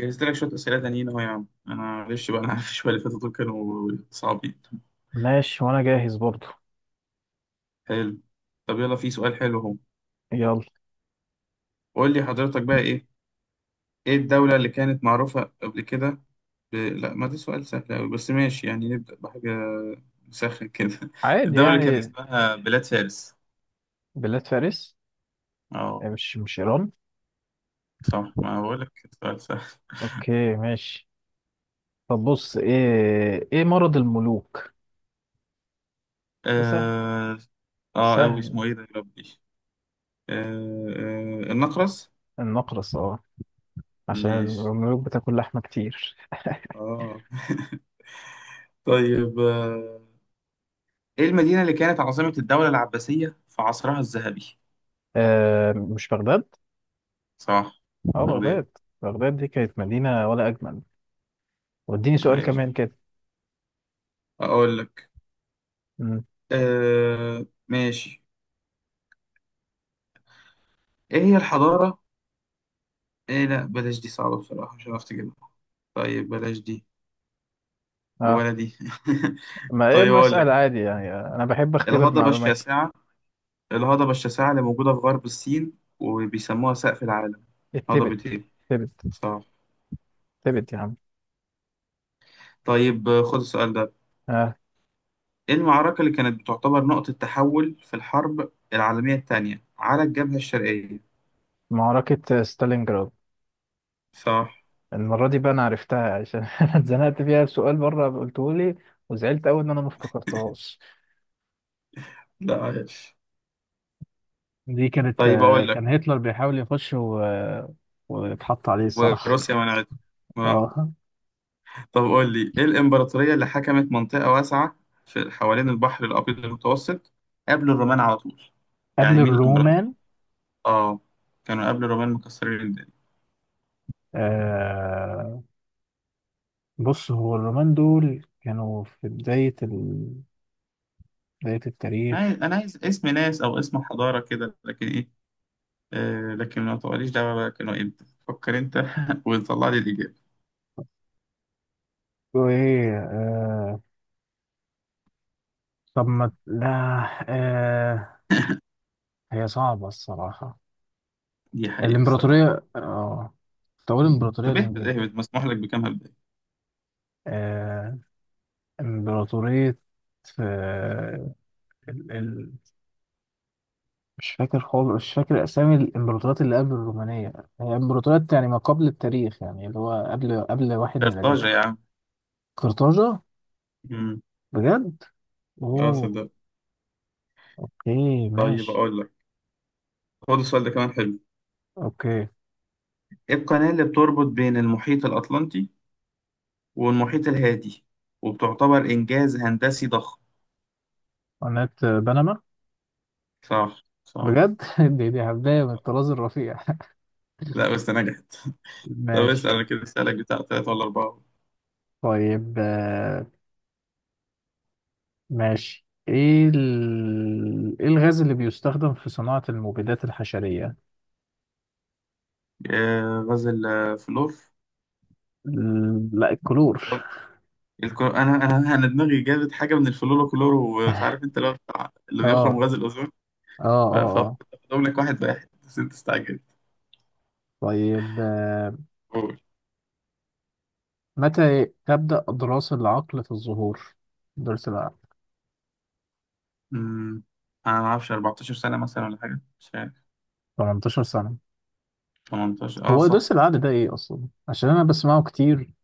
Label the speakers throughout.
Speaker 1: جهزت لك شوية أسئلة تانيين أهو يا عم، أنا معلش بقى. أنا عارف شوية اللي فاتوا دول كانوا صعبين.
Speaker 2: ماشي، وانا جاهز برضو.
Speaker 1: حلو. طب يلا، في سؤال حلو أهو.
Speaker 2: يلا.
Speaker 1: قول لي حضرتك بقى إيه، إيه الدولة اللي كانت معروفة قبل كده لا، ما ده سؤال سهل أوي، بس ماشي، يعني نبدأ بحاجة سهلة كده.
Speaker 2: عادي
Speaker 1: الدولة اللي كان
Speaker 2: يعني.
Speaker 1: اسمها بلاد فارس.
Speaker 2: بلاد فارس.
Speaker 1: أه،
Speaker 2: يعني مش ايران.
Speaker 1: صح، ما بقول لك، سؤال سهل.
Speaker 2: اوكي، ماشي. طب بص، ايه مرض الملوك؟ ده سهل.
Speaker 1: آه. آه أوي
Speaker 2: سهل.
Speaker 1: اسمه إيه ده يا ربي؟ آه... النقرس.
Speaker 2: النقرس، اه. عشان
Speaker 1: ماشي.
Speaker 2: الملوك بتاكل لحمة كتير.
Speaker 1: أه. طيب، ايه المدينة اللي كانت عاصمة الدولة العباسية في عصرها الذهبي؟
Speaker 2: آه، مش بغداد؟
Speaker 1: صح،
Speaker 2: اه،
Speaker 1: بغداد.
Speaker 2: بغداد. بغداد دي كانت مدينة ولا اجمل. واديني سؤال كمان
Speaker 1: عايش.
Speaker 2: كده.
Speaker 1: أقول لك.
Speaker 2: مم.
Speaker 1: آه، ماشي. إيه هي الحضارة؟ إيه، لأ، بلاش دي، صعبة بصراحة، مش عرفت أجيبها. طيب بلاش دي
Speaker 2: اه.
Speaker 1: ولا دي.
Speaker 2: ما ايه،
Speaker 1: طيب
Speaker 2: ما
Speaker 1: أقول
Speaker 2: اسال
Speaker 1: لك،
Speaker 2: عادي يعني، انا بحب اختبر
Speaker 1: الهضبة
Speaker 2: معلوماتي.
Speaker 1: الشاسعة، الهضبة الشاسعة اللي موجودة في غرب الصين وبيسموها سقف العالم. هضبة
Speaker 2: التبت.
Speaker 1: إيه؟
Speaker 2: تبت
Speaker 1: صح.
Speaker 2: تبت يا عم.
Speaker 1: طيب، خد السؤال ده.
Speaker 2: آه.
Speaker 1: إيه المعركة اللي كانت بتعتبر نقطة تحول في الحرب العالمية الثانية على الجبهة الشرقية؟
Speaker 2: معركة ستالينجراد.
Speaker 1: صح.
Speaker 2: المرة دي بقى أنا عرفتها عشان أنا اتزنقت فيها، سؤال بره قلته لي. وزعلت أوي إن أنا ما افتكرتهاش.
Speaker 1: لا، عايش.
Speaker 2: دي كانت،
Speaker 1: طيب أقول لك،
Speaker 2: كان هتلر بيحاول يخش واتحط عليه الصراحة.
Speaker 1: وروسيا منعته. آه.
Speaker 2: اه.
Speaker 1: طب قول لي، إيه الإمبراطورية اللي حكمت منطقة واسعة في حوالين البحر الأبيض المتوسط قبل الرومان على طول؟ يعني
Speaker 2: قبل
Speaker 1: مين الإمبراطورية؟
Speaker 2: الرومان.
Speaker 1: آه، كانوا قبل الرومان مكسرين الدنيا.
Speaker 2: آه، بص، هو الرومان دول كانوا في بداية بداية
Speaker 1: أنا عايز
Speaker 2: التاريخ.
Speaker 1: أنا عايز اسم ناس أو اسم حضارة كده، لكن إيه، آه، لكن ما تقوليش دعوة بقى كانوا إمتى، فكر أنت وطلع لي الإجابة.
Speaker 2: وإيه آه. طب ما لا. آه. هي صعبة الصراحة.
Speaker 1: دي حقيقة بصراحة.
Speaker 2: الإمبراطورية، اه. طب أقول الإمبراطورية
Speaker 1: طب اهبط اهبط، مسموح لك بكام هبداية؟
Speaker 2: الإنجليزية. امبراطورية. آه، ال... ال... مش فاكر خالص، مش فاكر أسامي الإمبراطوريات اللي قبل الرومانية. هي إمبراطوريات يعني ما قبل التاريخ، يعني اللي هو قبل واحد
Speaker 1: قرطاجة يا
Speaker 2: ميلادية.
Speaker 1: عم.
Speaker 2: قرطاجة.
Speaker 1: مم.
Speaker 2: بجد؟
Speaker 1: اه
Speaker 2: أوه.
Speaker 1: صدق.
Speaker 2: أوكي،
Speaker 1: طيب
Speaker 2: ماشي.
Speaker 1: أقول لك، خد السؤال ده كمان حلو.
Speaker 2: أوكي.
Speaker 1: إيه القناة اللي بتربط بين المحيط الأطلنطي والمحيط الهادي وبتعتبر إنجاز هندسي ضخم؟
Speaker 2: قناة بنما.
Speaker 1: صح صح.
Speaker 2: بجد! دي هبداية من الطراز الرفيع.
Speaker 1: لا، بس نجحت. طب اسأل
Speaker 2: ماشي.
Speaker 1: أنا كده، اسألك بتاع تلاتة ولا أربعة.
Speaker 2: طيب، ماشي، ايه الغاز اللي بيستخدم في صناعة المبيدات الحشرية؟
Speaker 1: آه، غاز الفلور.
Speaker 2: لا، الكلور.
Speaker 1: أنا دماغي جابت حاجة من الفلوروكلور، ومش عارف أنت لو اللي
Speaker 2: اه،
Speaker 1: بيخرم غاز الأوزون.
Speaker 2: اه، اه، اه.
Speaker 1: فأقول لك واحد واحد، بس أنت استعجلت.
Speaker 2: طيب،
Speaker 1: قول.
Speaker 2: متى تبدأ دراسة العقل في الظهور؟ درس العقل.
Speaker 1: أمم، أنا ما أعرفش، 14 سنة مثلا ولا حاجة، مش عارف.
Speaker 2: 18 سنة.
Speaker 1: 18، أه
Speaker 2: هو درس
Speaker 1: صح.
Speaker 2: العقل ده ايه اصلا؟ عشان انا بسمعه كتير،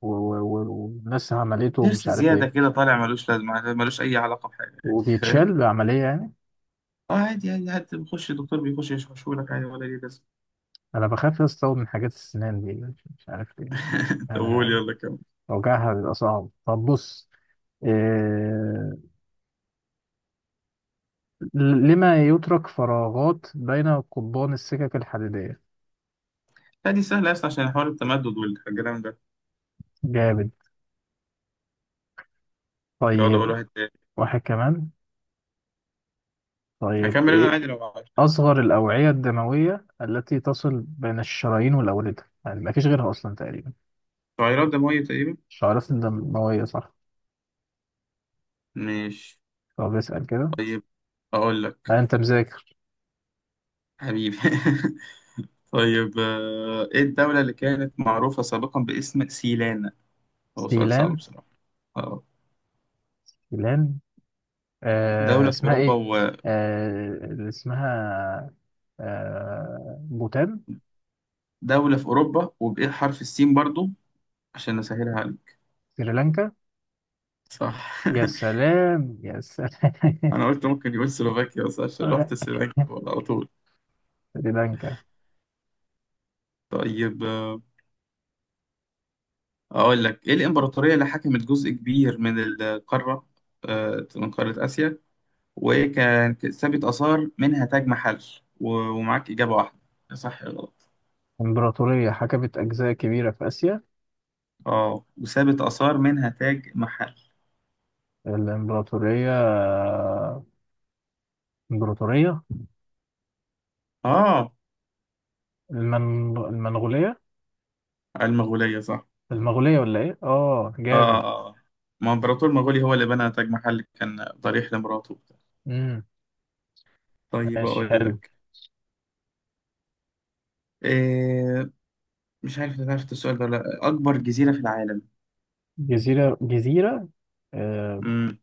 Speaker 2: والناس عملته ومش
Speaker 1: نفس
Speaker 2: عارف
Speaker 1: زيادة
Speaker 2: ايه.
Speaker 1: كده طالع، ملوش لازمة، ملوش أي علاقة بحاجة، يعني فاهم؟
Speaker 2: وبيتشال بعملية يعني.
Speaker 1: اه، عادي عادي، حتى بيخش الدكتور بيخش يشرحه لك عادي ولا ليه لازمة.
Speaker 2: انا بخاف استوعب من حاجات السنان دي، مش عارف ايه.
Speaker 1: طب قول،
Speaker 2: يعني
Speaker 1: يلا كمل.
Speaker 2: وجعها بيبقى صعب. طب بص. إيه... لما يترك فراغات بين قضبان السكك الحديدية.
Speaker 1: لا، دي سهلة أصلا، عشان حوار التمدد والكلام ده.
Speaker 2: جامد.
Speaker 1: يلا قول
Speaker 2: طيب،
Speaker 1: واحد تاني.
Speaker 2: واحد كمان. طيب
Speaker 1: هكمل أنا
Speaker 2: إيه؟
Speaker 1: عادي لو عايز.
Speaker 2: أصغر الأوعية الدموية التي تصل بين الشرايين والأوردة، يعني ما فيش غيرها أصلا تقريبا.
Speaker 1: تغيرات دموية تقريبا.
Speaker 2: الشعيرات الدموية، صح.
Speaker 1: مش.
Speaker 2: طب اسأل كده.
Speaker 1: طيب أقول
Speaker 2: لا،
Speaker 1: لك.
Speaker 2: أنت مذاكر.
Speaker 1: حبيبي. طيب، إيه الدولة اللي كانت معروفة سابقا باسم سيلانا؟ هو سؤال صعب
Speaker 2: سيلان.
Speaker 1: بصراحة. اه.
Speaker 2: سيلان، آه،
Speaker 1: دولة في
Speaker 2: اسمها إيه؟
Speaker 1: أوروبا.
Speaker 2: اللي اسمها آه، بوتان.
Speaker 1: ودولة في أوروبا، وبإيه، حرف السين برضو، عشان نسهلها عليك.
Speaker 2: سريلانكا.
Speaker 1: صح.
Speaker 2: يا سلام، يا سلام.
Speaker 1: انا قلت ممكن يقول سلوفاكيا، بس عشان رحت سلوفاكيا على طول.
Speaker 2: سريلانكا.
Speaker 1: طيب، اقول لك، ايه الامبراطوريه اللي حكمت جزء كبير من القاره، من قاره اسيا، وكان سابت اثار منها تاج محل، ومعاك اجابه واحده، يا صح يا غلط.
Speaker 2: إمبراطورية حكمت أجزاء كبيرة في آسيا.
Speaker 1: اه، وسابت اثار منها تاج محل.
Speaker 2: الإمبراطورية. إمبراطورية
Speaker 1: اه،
Speaker 2: المنغولية.
Speaker 1: المغوليه صح.
Speaker 2: المغولية ولا ايه؟ اه،
Speaker 1: اه. آه.
Speaker 2: جامد.
Speaker 1: آه. ما امبراطور مغولي هو اللي بنى تاج محل، كان ضريح لمراته.
Speaker 2: امم.
Speaker 1: طيب
Speaker 2: ماشي،
Speaker 1: اقول
Speaker 2: حلو.
Speaker 1: لك إيه، مش عارف إذا عرفت السؤال ده ولا لأ. أكبر جزيرة في العالم.
Speaker 2: جزيرة، جزيرة، آه.
Speaker 1: مم.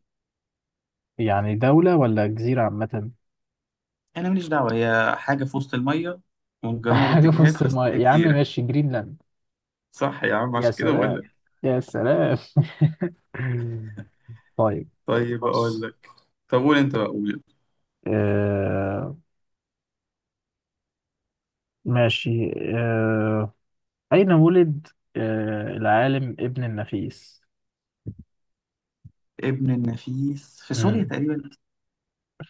Speaker 2: يعني دولة ولا جزيرة عامة؟
Speaker 1: أنا ماليش دعوة، هي حاجة في وسط المية، ومن جميع
Speaker 2: حاجة في
Speaker 1: الاتجاهات،
Speaker 2: وسط الماء
Speaker 1: فاسمها
Speaker 2: يا عم.
Speaker 1: جزيرة.
Speaker 2: ماشي، جرينلاند.
Speaker 1: صح يا عم،
Speaker 2: يا
Speaker 1: عشان كده بقول
Speaker 2: سلام،
Speaker 1: لك.
Speaker 2: يا سلام. طيب.
Speaker 1: طيب أقول
Speaker 2: بص.
Speaker 1: لك. طب قول أنت بقى، قول.
Speaker 2: آه، ماشي، آه أين ولد العالم ابن النفيس؟
Speaker 1: ابن النفيس في سوريا
Speaker 2: مم.
Speaker 1: تقريبا.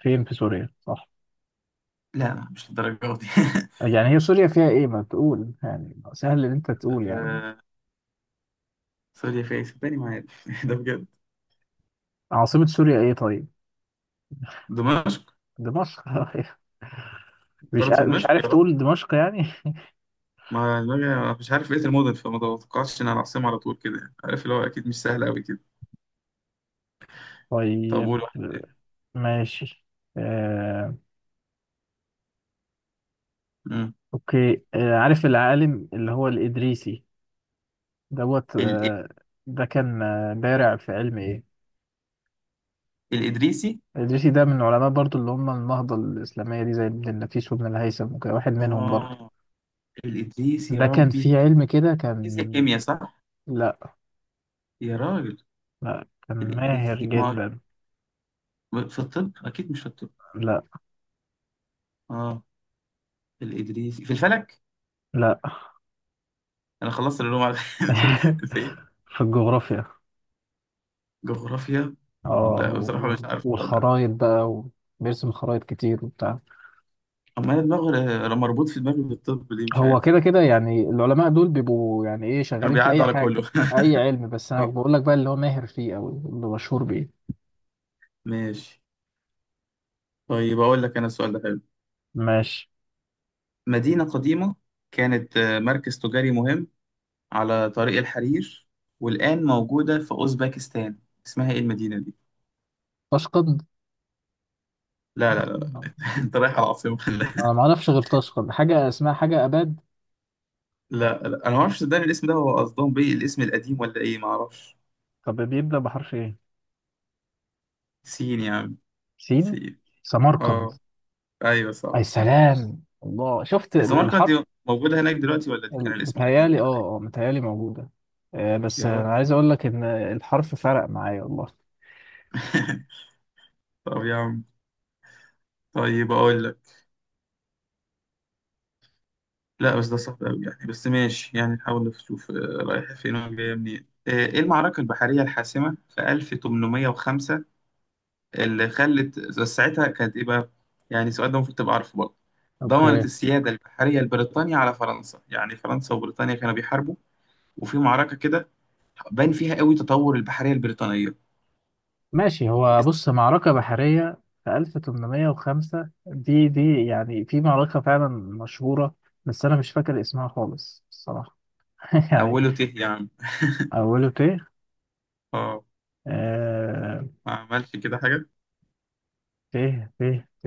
Speaker 2: فين في سوريا؟ صح.
Speaker 1: لا لا، مش للدرجة دي.
Speaker 2: يعني هي سوريا فيها ايه؟ ما تقول يعني سهل ان انت تقول يعني.
Speaker 1: آه، سوريا في إيه؟ صدقني ما عارف، ده بجد.
Speaker 2: عاصمة سوريا ايه طيب؟
Speaker 1: دمشق.
Speaker 2: دمشق.
Speaker 1: بلد في
Speaker 2: مش
Speaker 1: دمشق يا
Speaker 2: عارف
Speaker 1: رب،
Speaker 2: تقول دمشق يعني.
Speaker 1: ما دماغي مش عارف بقية المدن، فما توقعتش إن أنا العاصمة على طول كده يعني. عارف اللي هو، أكيد مش سهل أوي كده. طب قول
Speaker 2: طيب،
Speaker 1: واحد تاني.
Speaker 2: ماشي. آه،
Speaker 1: مم.
Speaker 2: اوكي، عارف العالم اللي هو الإدريسي؟ دوت
Speaker 1: ال-
Speaker 2: ده كان بارع في علم ايه؟
Speaker 1: الإدريسي.
Speaker 2: الإدريسي ده من العلماء برضو، اللي هم النهضة الإسلامية دي، زي ابن النفيس وابن الهيثم وكده، واحد منهم برضو.
Speaker 1: آه الإدريسي يا
Speaker 2: ده كان
Speaker 1: ربي.
Speaker 2: في علم كده،
Speaker 1: فيزياء
Speaker 2: كان.
Speaker 1: كيمياء صح؟
Speaker 2: لا،
Speaker 1: يا راجل.
Speaker 2: لا، كان ماهر
Speaker 1: الإدريسي، ما
Speaker 2: جدا.
Speaker 1: في الطب، أكيد مش في الطب.
Speaker 2: لا،
Speaker 1: آه، الإدريسي في الفلك.
Speaker 2: لا.
Speaker 1: أنا خلصت العلوم على. أنت إيه،
Speaker 2: في الجغرافيا.
Speaker 1: جغرافيا.
Speaker 2: اه،
Speaker 1: لا بصراحة مش عارف ولا.
Speaker 2: والخرايط بقى. وبيرسم خرايط كتير وبتاع.
Speaker 1: أما أنا دماغي مربوط في دماغي بالطب، دي مش
Speaker 2: هو
Speaker 1: عارف.
Speaker 2: كده كده يعني، العلماء دول بيبقوا يعني ايه،
Speaker 1: كانوا
Speaker 2: شغالين في اي
Speaker 1: بيعدوا على كله.
Speaker 2: حاجة. اي علم، بس انا
Speaker 1: آه،
Speaker 2: بقول لك بقى اللي هو ماهر فيه او اللي مشهور بيه.
Speaker 1: ماشي. طيب أقول لك أنا السؤال ده حلو.
Speaker 2: ماشي.
Speaker 1: مدينة قديمة كانت، مركز تجاري مهم على طريق الحرير، والآن موجودة في أوزبكستان. اسمها إيه المدينة دي؟
Speaker 2: تشقد.
Speaker 1: لا لا لا. انت رايح على عاصمة ولا.
Speaker 2: انا ما اعرفش غير تشقد، حاجة اسمها حاجة اباد.
Speaker 1: لا لا، انا ما اعرفش، صدقني الاسم ده هو قصدهم بيه الاسم القديم ولا ايه، ما اعرفش.
Speaker 2: طب بيبدأ بحرف ايه؟
Speaker 1: سين يا عم.
Speaker 2: سين.
Speaker 1: سين.
Speaker 2: سمرقند.
Speaker 1: اه، ايوه صح
Speaker 2: اي
Speaker 1: صح.
Speaker 2: سلام الله، شفت
Speaker 1: السماركند
Speaker 2: الحرف.
Speaker 1: دي موجودة هناك دلوقتي، ولا دي كان الاسم القديم
Speaker 2: متهيالي،
Speaker 1: دي، ولا ايه؟
Speaker 2: اه، اه، متهيالي موجودة. بس
Speaker 1: يا رب.
Speaker 2: انا عايز اقول لك ان الحرف فرق معايا والله.
Speaker 1: طب يا عم، طيب اقول لك، لا بس ده صعب قوي يعني، بس ماشي يعني نحاول نشوف. رايحة فين وجاية منين، ايه المعركة البحرية الحاسمة في 1805 اللي خلت، بس ساعتها كانت ايه بقى، يعني السؤال ده المفروض تبقى عارفه برضه. ضمنت
Speaker 2: اوكي،
Speaker 1: السيادة البحرية لبريطانيا على فرنسا، يعني فرنسا وبريطانيا كانوا بيحاربوا وفي معركة كده بان فيها قوي تطور البحرية البريطانية.
Speaker 2: ماشي. هو
Speaker 1: اسم
Speaker 2: بص، معركة بحرية في 1805 دي يعني في معركة فعلا مشهورة. بس أنا مش فاكر اسمها خالص الصراحة. يعني.
Speaker 1: أوله ت يعني.
Speaker 2: أوله ت.
Speaker 1: اه.
Speaker 2: آه.
Speaker 1: ما عملش كده حاجة.
Speaker 2: ت، ت، ت،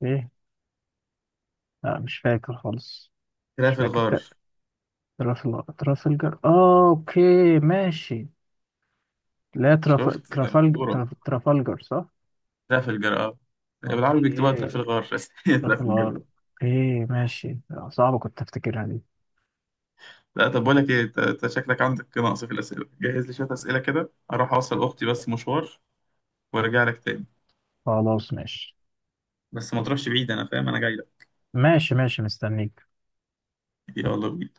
Speaker 2: ت. لا، مش فاكر خالص. مش
Speaker 1: تراف
Speaker 2: فاكر
Speaker 1: الغار.
Speaker 2: ترافلجر، آه، أوكي. ماشي. لا،
Speaker 1: شفت؟ مشهورة.
Speaker 2: ترافلجر، صح؟
Speaker 1: تراف الجر اه، بالعربي بيكتبوها
Speaker 2: أوكي،
Speaker 1: تراف الغار، بس هي تراف الجر.
Speaker 2: ترافلجر.
Speaker 1: آه.
Speaker 2: أوكي، ماشي. صعبة، كنت أفتكرها دي.
Speaker 1: لا طب، بقول لك ايه، انت أنت شكلك عندك نقص في الأسئلة، جهز لي شوية أسئلة كده، أروح أوصل أختي بس مشوار وأرجع لك تاني.
Speaker 2: خلاص، ماشي.
Speaker 1: بس ما تروحش بعيد، انا فاهم، انا جاي لك.
Speaker 2: ماشي، ماشي، مستنيك.
Speaker 1: كتير والله.